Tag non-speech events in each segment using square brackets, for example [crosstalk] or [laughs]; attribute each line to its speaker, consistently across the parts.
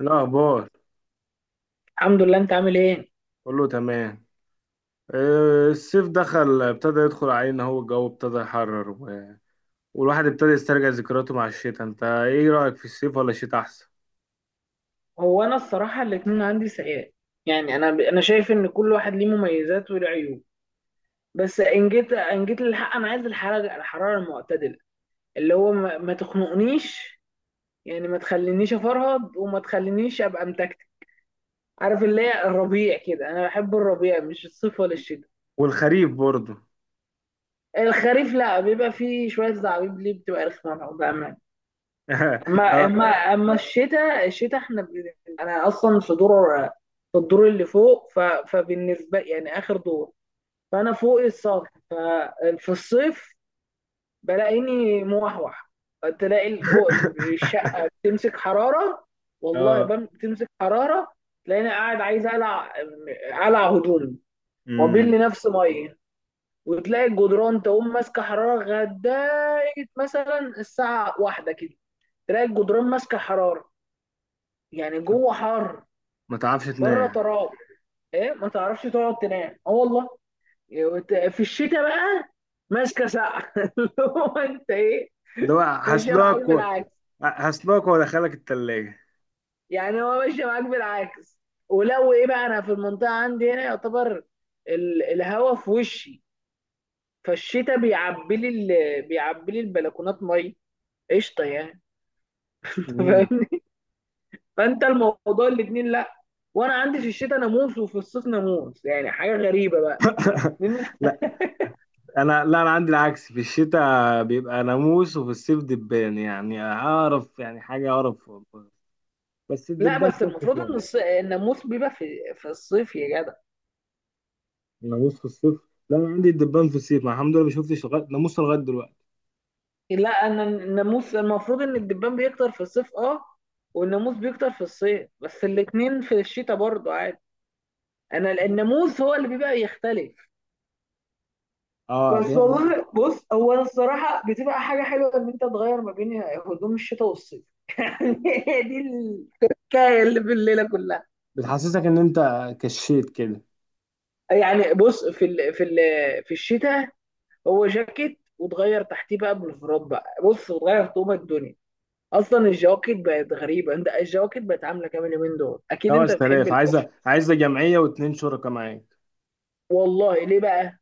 Speaker 1: الأخبار.
Speaker 2: الحمد لله، انت عامل ايه؟
Speaker 1: كله تمام. آه، الصيف دخل ابتدى يدخل علينا، هو الجو ابتدى يحرر والواحد ابتدى يسترجع ذكرياته مع الشتاء. انت ايه رأيك، في الصيف ولا الشتاء احسن؟
Speaker 2: هو انا الصراحه الاتنين عندي سيئات. يعني انا شايف ان كل واحد ليه مميزات وله عيوب. بس ان جيت للحق، انا عايز الحراره، المعتدله، اللي هو ما تخنقنيش. يعني ما تخلينيش افرهد وما تخلينيش ابقى متكتك. عارف اللي هي الربيع كده، انا بحب الربيع، مش الصيف ولا الشتاء.
Speaker 1: والخريف برضه.
Speaker 2: الخريف لا، بيبقى فيه شويه زعابيب، ليه بتبقى رخمه بقى. اما
Speaker 1: [laughs] اه.
Speaker 2: اما اما الشتاء، احنا انا اصلا في دور، في الدور اللي فوق، فبالنسبه يعني اخر دور. فانا فوق السطح، ففي الصيف بلاقيني موحوح. تلاقي ال-
Speaker 1: [laughs]
Speaker 2: الشقه بتمسك حراره. والله
Speaker 1: اه.
Speaker 2: بتمسك حراره. تلاقيني قاعد عايز اقلع، اقلع هدومي، وابل
Speaker 1: امم.
Speaker 2: لي نفسي ميه. وتلاقي الجدران تقوم ماسكه حراره لغايه مثلا الساعه واحدة كده، تلاقي الجدران ماسكه حراره، يعني جوه حر،
Speaker 1: ما تعرفش
Speaker 2: بره
Speaker 1: تنام.
Speaker 2: تراب. ايه، ما تعرفش تقعد تنام، اه والله. إيه، في الشتاء بقى ماسكه سقع. [laughs] اللي هو انت ايه؟
Speaker 1: اللي هو
Speaker 2: ماشيه معاك
Speaker 1: هسلاك و...
Speaker 2: بالعكس.
Speaker 1: هسلاك وادخلك التلاجة.
Speaker 2: يعني هو ماشيه معاك بالعكس. ولو ايه بقى، انا في المنطقه عندي هنا يعتبر الهوا في وشي. فالشتاء بيعبي لي البلكونات ميه، قشطه يعني. [laughs]
Speaker 1: مم.
Speaker 2: فاهمني؟ فانت الموضوع الاتنين لا. وانا عندي في الشتاء ناموس وفي الصيف ناموس، يعني حاجه غريبه بقى.
Speaker 1: [laughs] لا لا انا عندي العكس، في الشتاء بيبقى ناموس وفي الصيف دبان، يعني اعرف يعني حاجة اعرف. بس
Speaker 2: لا
Speaker 1: الدبان
Speaker 2: بس
Speaker 1: خف
Speaker 2: المفروض
Speaker 1: شوية.
Speaker 2: ان الناموس بيبقى في الصيف يا جدع.
Speaker 1: ناموس في الصيف؟ لا انا عندي الدبان في الصيف، ما الحمد لله ما شفتش لغايه ناموس لغايه دلوقتي.
Speaker 2: لا، انا الناموس المفروض ان الدبان بيكتر في الصيف، اه. والناموس بيكتر في الصيف، بس الاتنين في الشتاء برضه عادي. انا الناموس هو اللي بيبقى يختلف.
Speaker 1: اه
Speaker 2: بس والله بص، هو أنا الصراحة بتبقى حاجة حلوة إن أنت تغير ما بين هدوم الشتاء والصيف. [laughs] هي دي الحكاية اللي في الليلة كلها.
Speaker 1: بتحسسك ان انت كشيت كده.
Speaker 2: يعني بص، في الشتاء هو جاكيت، وتغير تحتيه بقى بلوفرات بقى، بص، وتغير طوبة الدنيا. اصلا الجواكت بقت غريبه، انت الجواكت بقت عامله كام اليومين دول؟ اكيد انت بتحب
Speaker 1: 5000،
Speaker 2: الكشف.
Speaker 1: عايزه جمعيه واثنين شركاء معاك.
Speaker 2: والله ليه بقى؟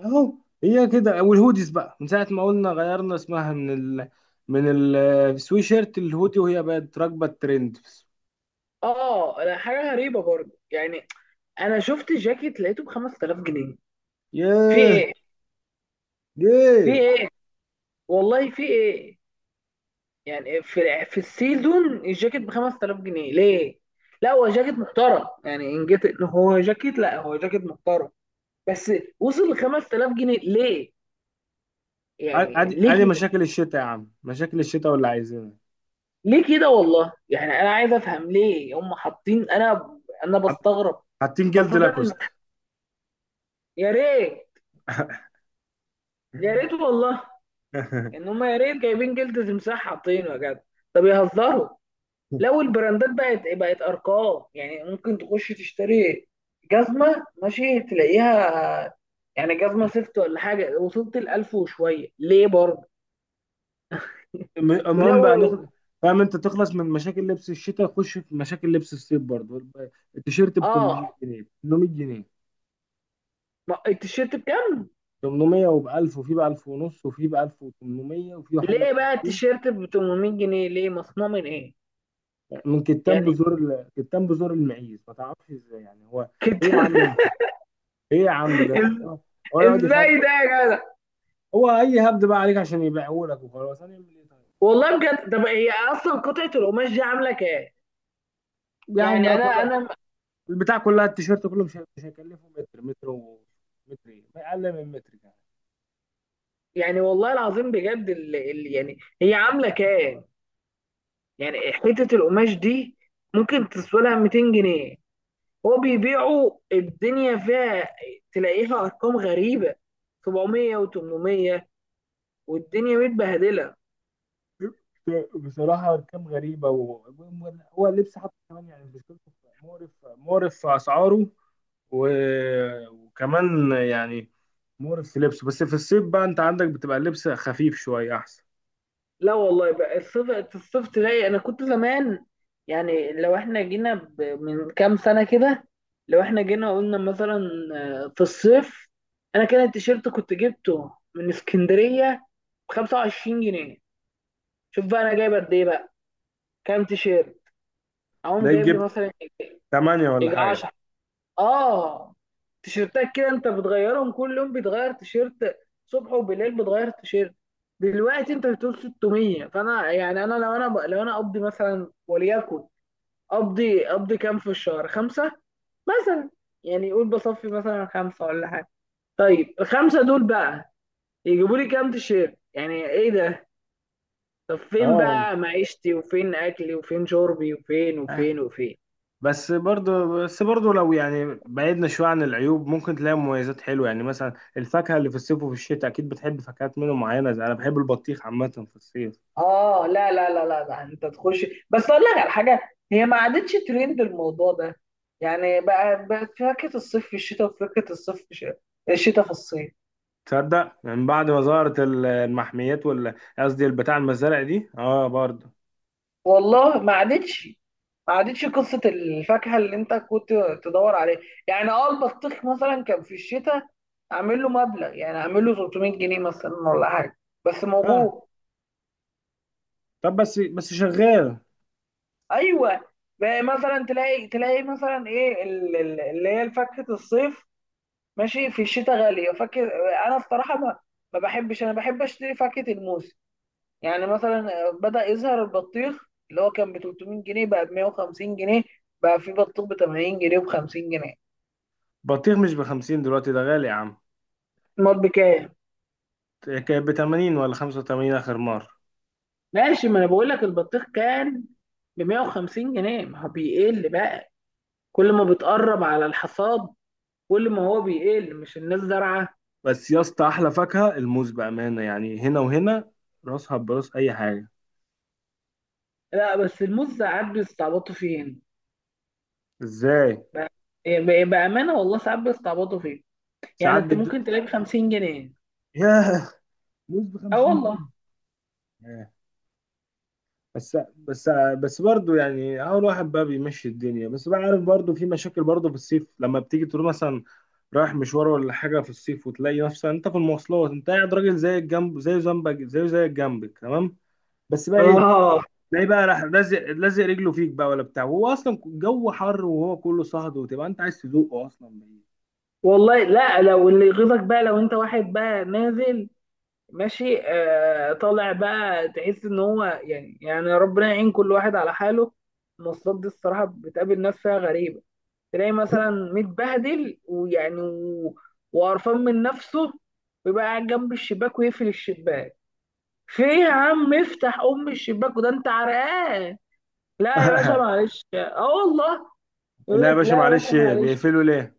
Speaker 1: اهو، هي كده. والهوديز بقى من ساعه ما قلنا غيرنا اسمها من ال من السوي شيرت الهودي، وهي بقت راكبه الترند.
Speaker 2: اه لا، حاجه غريبه برضه يعني. انا شفت جاكيت لقيته ب 5000 جنيه. في
Speaker 1: ياه.
Speaker 2: ايه؟ في
Speaker 1: ياه.
Speaker 2: ايه؟ والله في ايه؟ يعني في السيزون الجاكيت ب 5000 جنيه ليه؟ لا هو جاكيت محترم، يعني ان جيت إن هو جاكيت، لا هو جاكيت محترم بس. وصل ل 5000 جنيه ليه؟ يعني
Speaker 1: ادي
Speaker 2: ليه؟
Speaker 1: مشاكل الشتاء يا عم، مشاكل الشتاء واللي عايزينها،
Speaker 2: ليه كده والله، يعني انا عايز افهم ليه هم حاطين، انا بستغرب.
Speaker 1: حاطين جلد
Speaker 2: خاصه
Speaker 1: لاكوست.
Speaker 2: يا ريت، يا ريت والله ان هم يا ريت جايبين جلد تمساح حاطينه يا جدع، طب يهزروا.
Speaker 1: [laughs]
Speaker 2: لو البراندات بقت ارقام، يعني ممكن تخش تشتري جزمه ماشي تلاقيها. يعني جزمه سيفت ولا حاجه وصلت ال 1000 وشويه ليه برضه؟
Speaker 1: المهم
Speaker 2: ولو.
Speaker 1: بقى فاهم انت؟ تخلص من مشاكل لبس الشتاء، خش في مشاكل لبس الصيف برضه. التيشيرت ب
Speaker 2: اه،
Speaker 1: 800 جنيه، ب 800 جنيه.
Speaker 2: التيشيرت بكام؟
Speaker 1: 800 وب 1000، وفي ب 1000 ونص، وفي ب 1800، وفي حاجه ب
Speaker 2: ليه بقى
Speaker 1: 2000.
Speaker 2: التيشيرت ب 800 جنيه، ليه؟ مصنوع من ايه؟
Speaker 1: من كتان
Speaker 2: يعني
Speaker 1: بزور كتان بزور المعيز، ما تعرفش ازاي يعني هو.
Speaker 2: كنت.
Speaker 1: ايه يا عم ده؟ ايه يا عم
Speaker 2: [laughs]
Speaker 1: ده؟
Speaker 2: إز-
Speaker 1: هو يقعد
Speaker 2: ازاي
Speaker 1: يخرب.
Speaker 2: ده يا جدع؟
Speaker 1: هو اي هبد بقى عليك عشان يبيعه لك، وخلاص هنعمل ايه طيب.
Speaker 2: والله بجد، طب هي اصلا قطعه القماش دي عامله كام؟
Speaker 1: يعني
Speaker 2: يعني
Speaker 1: ده
Speaker 2: انا
Speaker 1: كلها
Speaker 2: انا
Speaker 1: البتاع كلها، التيشيرت كله مش هيكلفه متر، متر و متر ايه ما اقل من متر كمان.
Speaker 2: يعني والله العظيم بجد، اللي يعني هي عامله كام؟ يعني حته القماش دي ممكن تسوى لها 200 جنيه. هو بيبيعوا الدنيا فيها، تلاقيها ارقام غريبه، 700 و800، والدنيا متبهدله.
Speaker 1: بصراحة أرقام غريبة هو اللبس حتى كمان يعني مشكلته مقرف، مقرف في أسعاره و... وكمان يعني مقرف في لبسه. بس في الصيف بقى، أنت عندك بتبقى اللبس خفيف شوية أحسن.
Speaker 2: لا والله بقى، الصيف، الصيف تلاقي، انا كنت زمان. يعني لو احنا جينا من كام سنه كده، لو احنا جينا قلنا مثلا، في الصيف، انا كان التيشيرت كنت جبته من اسكندريه ب 25 جنيه. شوف بقى انا جايب قد ايه بقى، كام تيشيرت، اقوم
Speaker 1: تلاقيك
Speaker 2: جايب لي
Speaker 1: جبت
Speaker 2: مثلا،
Speaker 1: تمانية ولا
Speaker 2: يجي
Speaker 1: حاجة.
Speaker 2: 10 اه تيشيرتات كده. انت بتغيرهم كل يوم، بيتغير تيشيرت صبح وبالليل، بتغير تيشيرت. دلوقتي انت بتقول 600، فانا يعني انا لو انا لو انا اقضي مثلا وليكن، اقضي كام في الشهر، خمسة مثلا. يعني قول بصفي مثلا خمسة ولا حاجة. طيب الخمسة دول بقى يجيبوا لي كام تيشيرت، يعني ايه ده؟ طب فين
Speaker 1: أه.
Speaker 2: بقى معيشتي وفين اكلي وفين شربي وفين
Speaker 1: آه.
Speaker 2: وفين وفين؟
Speaker 1: بس برضه، بس برضه لو يعني بعدنا شوية عن العيوب، ممكن تلاقي مميزات حلوة. يعني مثلا الفاكهة اللي في الصيف وفي الشتاء، أكيد بتحب فاكهات منه معينة، زي أنا بحب البطيخ عامة في الصيف.
Speaker 2: اه لا لا لا لا لا، انت تخش بس اقول لك على حاجه، هي ما عادتش ترند الموضوع ده. يعني بقى بقت فاكهه الصيف في الشتاء، وفاكهه الشتاء في الصيف.
Speaker 1: تصدق، من بعد ما ظهرت المحميات قصدي البتاع المزارع دي، اه برضه.
Speaker 2: والله ما عادتش. ما عادتش قصه الفاكهه اللي انت كنت تدور عليها. يعني اه، البطيخ مثلا كان في الشتاء اعمل له مبلغ، يعني اعمل له 300 جنيه مثلا ولا حاجه، بس
Speaker 1: اه
Speaker 2: موجود.
Speaker 1: طب بس بس شغال.
Speaker 2: ايوه، بقى مثلا تلاقي، مثلا ايه اللي هي فاكهه الصيف ماشي في الشتاء غالية، فاكر؟ أنا بصراحة ما بحبش، أنا بحب أشتري فاكهة الموز يعني مثلا. بدأ يظهر البطيخ اللي هو كان ب 300 جنيه، بقى ب 150 جنيه، بقى في بطيخ ب 80 جنيه وب 50 جنيه.
Speaker 1: بطيخ مش بخمسين دلوقتي، ده غالي يا عم.
Speaker 2: المال بكام؟
Speaker 1: كانت بتمانين ولا خمسة وتمانين آخر مرة.
Speaker 2: ماشي، ما انا بقول لك البطيخ كان ب 150 جنيه، ما هو بيقل بقى كل ما بتقرب على الحصاد، كل ما هو بيقل، مش الناس زارعه.
Speaker 1: بس يا اسطى، أحلى فاكهة الموز بأمانة، يعني هنا وهنا راسها براس أي حاجة.
Speaker 2: لا بس الموز ساعات بيستعبطوا فين.
Speaker 1: ازاي؟
Speaker 2: بقى- بامانه والله ساعات بيستعبطوا فين. يعني
Speaker 1: ساعات
Speaker 2: انت
Speaker 1: بتدوق.
Speaker 2: ممكن تلاقي ب 50 جنيه،
Speaker 1: ياه، موز
Speaker 2: اه والله.
Speaker 1: بخمسين جنيه. بس، بس، بس برضه يعني اول واحد بقى بيمشي الدنيا. بس بقى عارف برضه، في مشاكل برضه في الصيف، لما بتيجي تقول مثلا رايح مشوار ولا حاجه في الصيف، وتلاقي نفسك انت في المواصلات انت قاعد، راجل زي الجنب، زي ذنبك، زي جنبك تمام، بس بقى ايه،
Speaker 2: اه
Speaker 1: تلاقيه بقى راح لازق، لازق رجله فيك بقى ولا بتاع، وهو اصلا الجو حر وهو كله صهد، وتبقى انت عايز تذوقه اصلا.
Speaker 2: والله لا، لو اللي يغيظك بقى، لو انت واحد بقى نازل ماشي، آه، طالع بقى، تحس ان هو يعني، ربنا يعين كل واحد على حاله. المواصلات دي الصراحة بتقابل ناس فيها غريبة. تلاقي مثلا متبهدل ويعني وقرفان من نفسه، ويبقى قاعد جنب الشباك ويقفل الشباك. في إيه يا عم؟ افتح ام الشباك، وده انت عرقان. لا يا باشا
Speaker 1: [laughs]
Speaker 2: معلش، اه والله. يقول
Speaker 1: لا يا
Speaker 2: لك
Speaker 1: باشا
Speaker 2: لا يا باشا
Speaker 1: معلش، ايه
Speaker 2: معلش.
Speaker 1: بيقفلوا ليه؟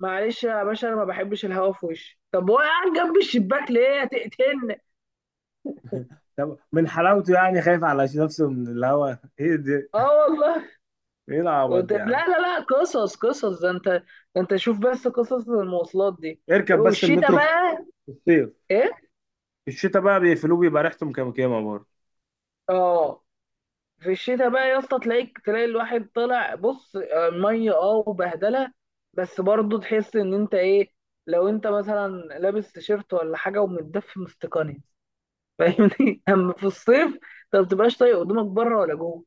Speaker 2: معلش يا باشا، انا ما بحبش الهوا في وشي، طب هو قاعد جنب الشباك ليه؟ هتقتلني؟
Speaker 1: طب من حلاوته يعني، خايف على نفسه من الهوا، ايه ده؟
Speaker 2: اه والله.
Speaker 1: ايه العبط ده يا
Speaker 2: طب
Speaker 1: عم.
Speaker 2: لا لا لا، قصص، قصص ده انت ده، انت شوف بس قصص المواصلات دي.
Speaker 1: اركب بس
Speaker 2: والشتاء
Speaker 1: المترو في
Speaker 2: بقى،
Speaker 1: الصيف.
Speaker 2: ايه؟
Speaker 1: في الشتاء بقى بيقفلوه، بيبقى ريحته مكمكمه برضه.
Speaker 2: اه، في الشتاء بقى يا اسطى، تلاقيك، تلاقي الواحد طالع بص آه، ميه اه وبهدله. بس برضه تحس ان انت ايه، لو انت مثلا لابس تيشيرت ولا حاجه، ومتدفي مستقني، فاهمني؟ [laughs] اما في الصيف انت ما بتبقاش طايق هدومك بره ولا جوه.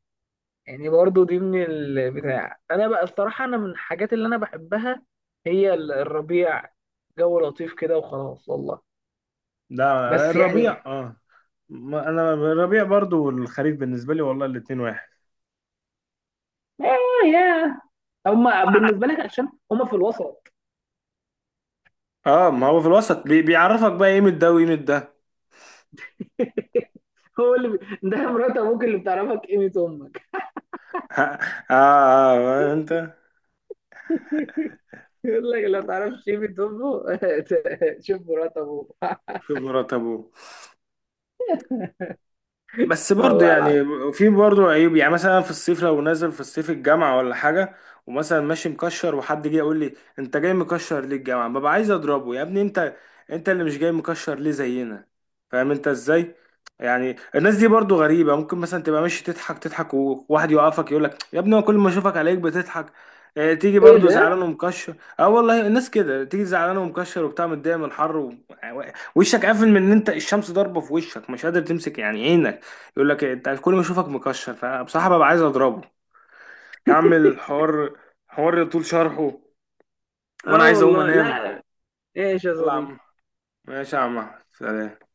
Speaker 2: يعني برضو دي من البتاع، انا بقى الصراحه انا من الحاجات اللي انا بحبها هي الربيع. جو لطيف كده وخلاص والله.
Speaker 1: لا
Speaker 2: بس يعني،
Speaker 1: الربيع اه. ما انا الربيع برضه والخريف بالنسبه لي، والله الاتنين واحد.
Speaker 2: اه يا، هما بالنسبه لك عشان هما في الوسط.
Speaker 1: اه ما هو في الوسط، بي بيعرفك بقى قيمة ده وقيمة ده.
Speaker 2: [laughs] هو اللي ده مرات ابوك اللي بتعرفك قيمه امك.
Speaker 1: [laughs] اه، آه آه انت.
Speaker 2: [laughs] يقول لك لو تعرفش قيمه امه. [laughs] شوف مرات ابوك. [laughs]
Speaker 1: خبرة ابوه. بس برضه
Speaker 2: والله العظيم.
Speaker 1: يعني في برضه عيوب، يعني مثلا في الصيف لو نازل في الصيف الجامعة ولا حاجة، ومثلا ماشي مكشر، وحد جه يقول لي انت جاي مكشر ليه الجامعة، ببقى عايز اضربه. يا ابني انت، انت اللي مش جاي مكشر ليه زينا؟ فاهم انت ازاي؟ يعني الناس دي برضه غريبة، ممكن مثلا تبقى ماشي تضحك، تضحك، وواحد يوقفك يقول لك يا ابني، هو كل ما اشوفك عليك بتضحك، اه، تيجي
Speaker 2: ايه
Speaker 1: برضه
Speaker 2: ده؟
Speaker 1: زعلان ومكشر. اه والله الناس كده، تيجي زعلان ومكشر وبتاع، متضايق من الحر وشك قافل من ان انت الشمس ضاربه في وشك، مش قادر تمسك يعني عينك، يقول لك إيه، انت كل ما اشوفك مكشر. فبصراحه ببقى عايز اضربه. يا عم الحوار حوار طول شرحه، وانا
Speaker 2: اه
Speaker 1: عايز اقوم
Speaker 2: والله لا.
Speaker 1: انام.
Speaker 2: ايش يا
Speaker 1: يلا يا
Speaker 2: صديقي؟
Speaker 1: عم، ماشي يا عم أحمد. سلام.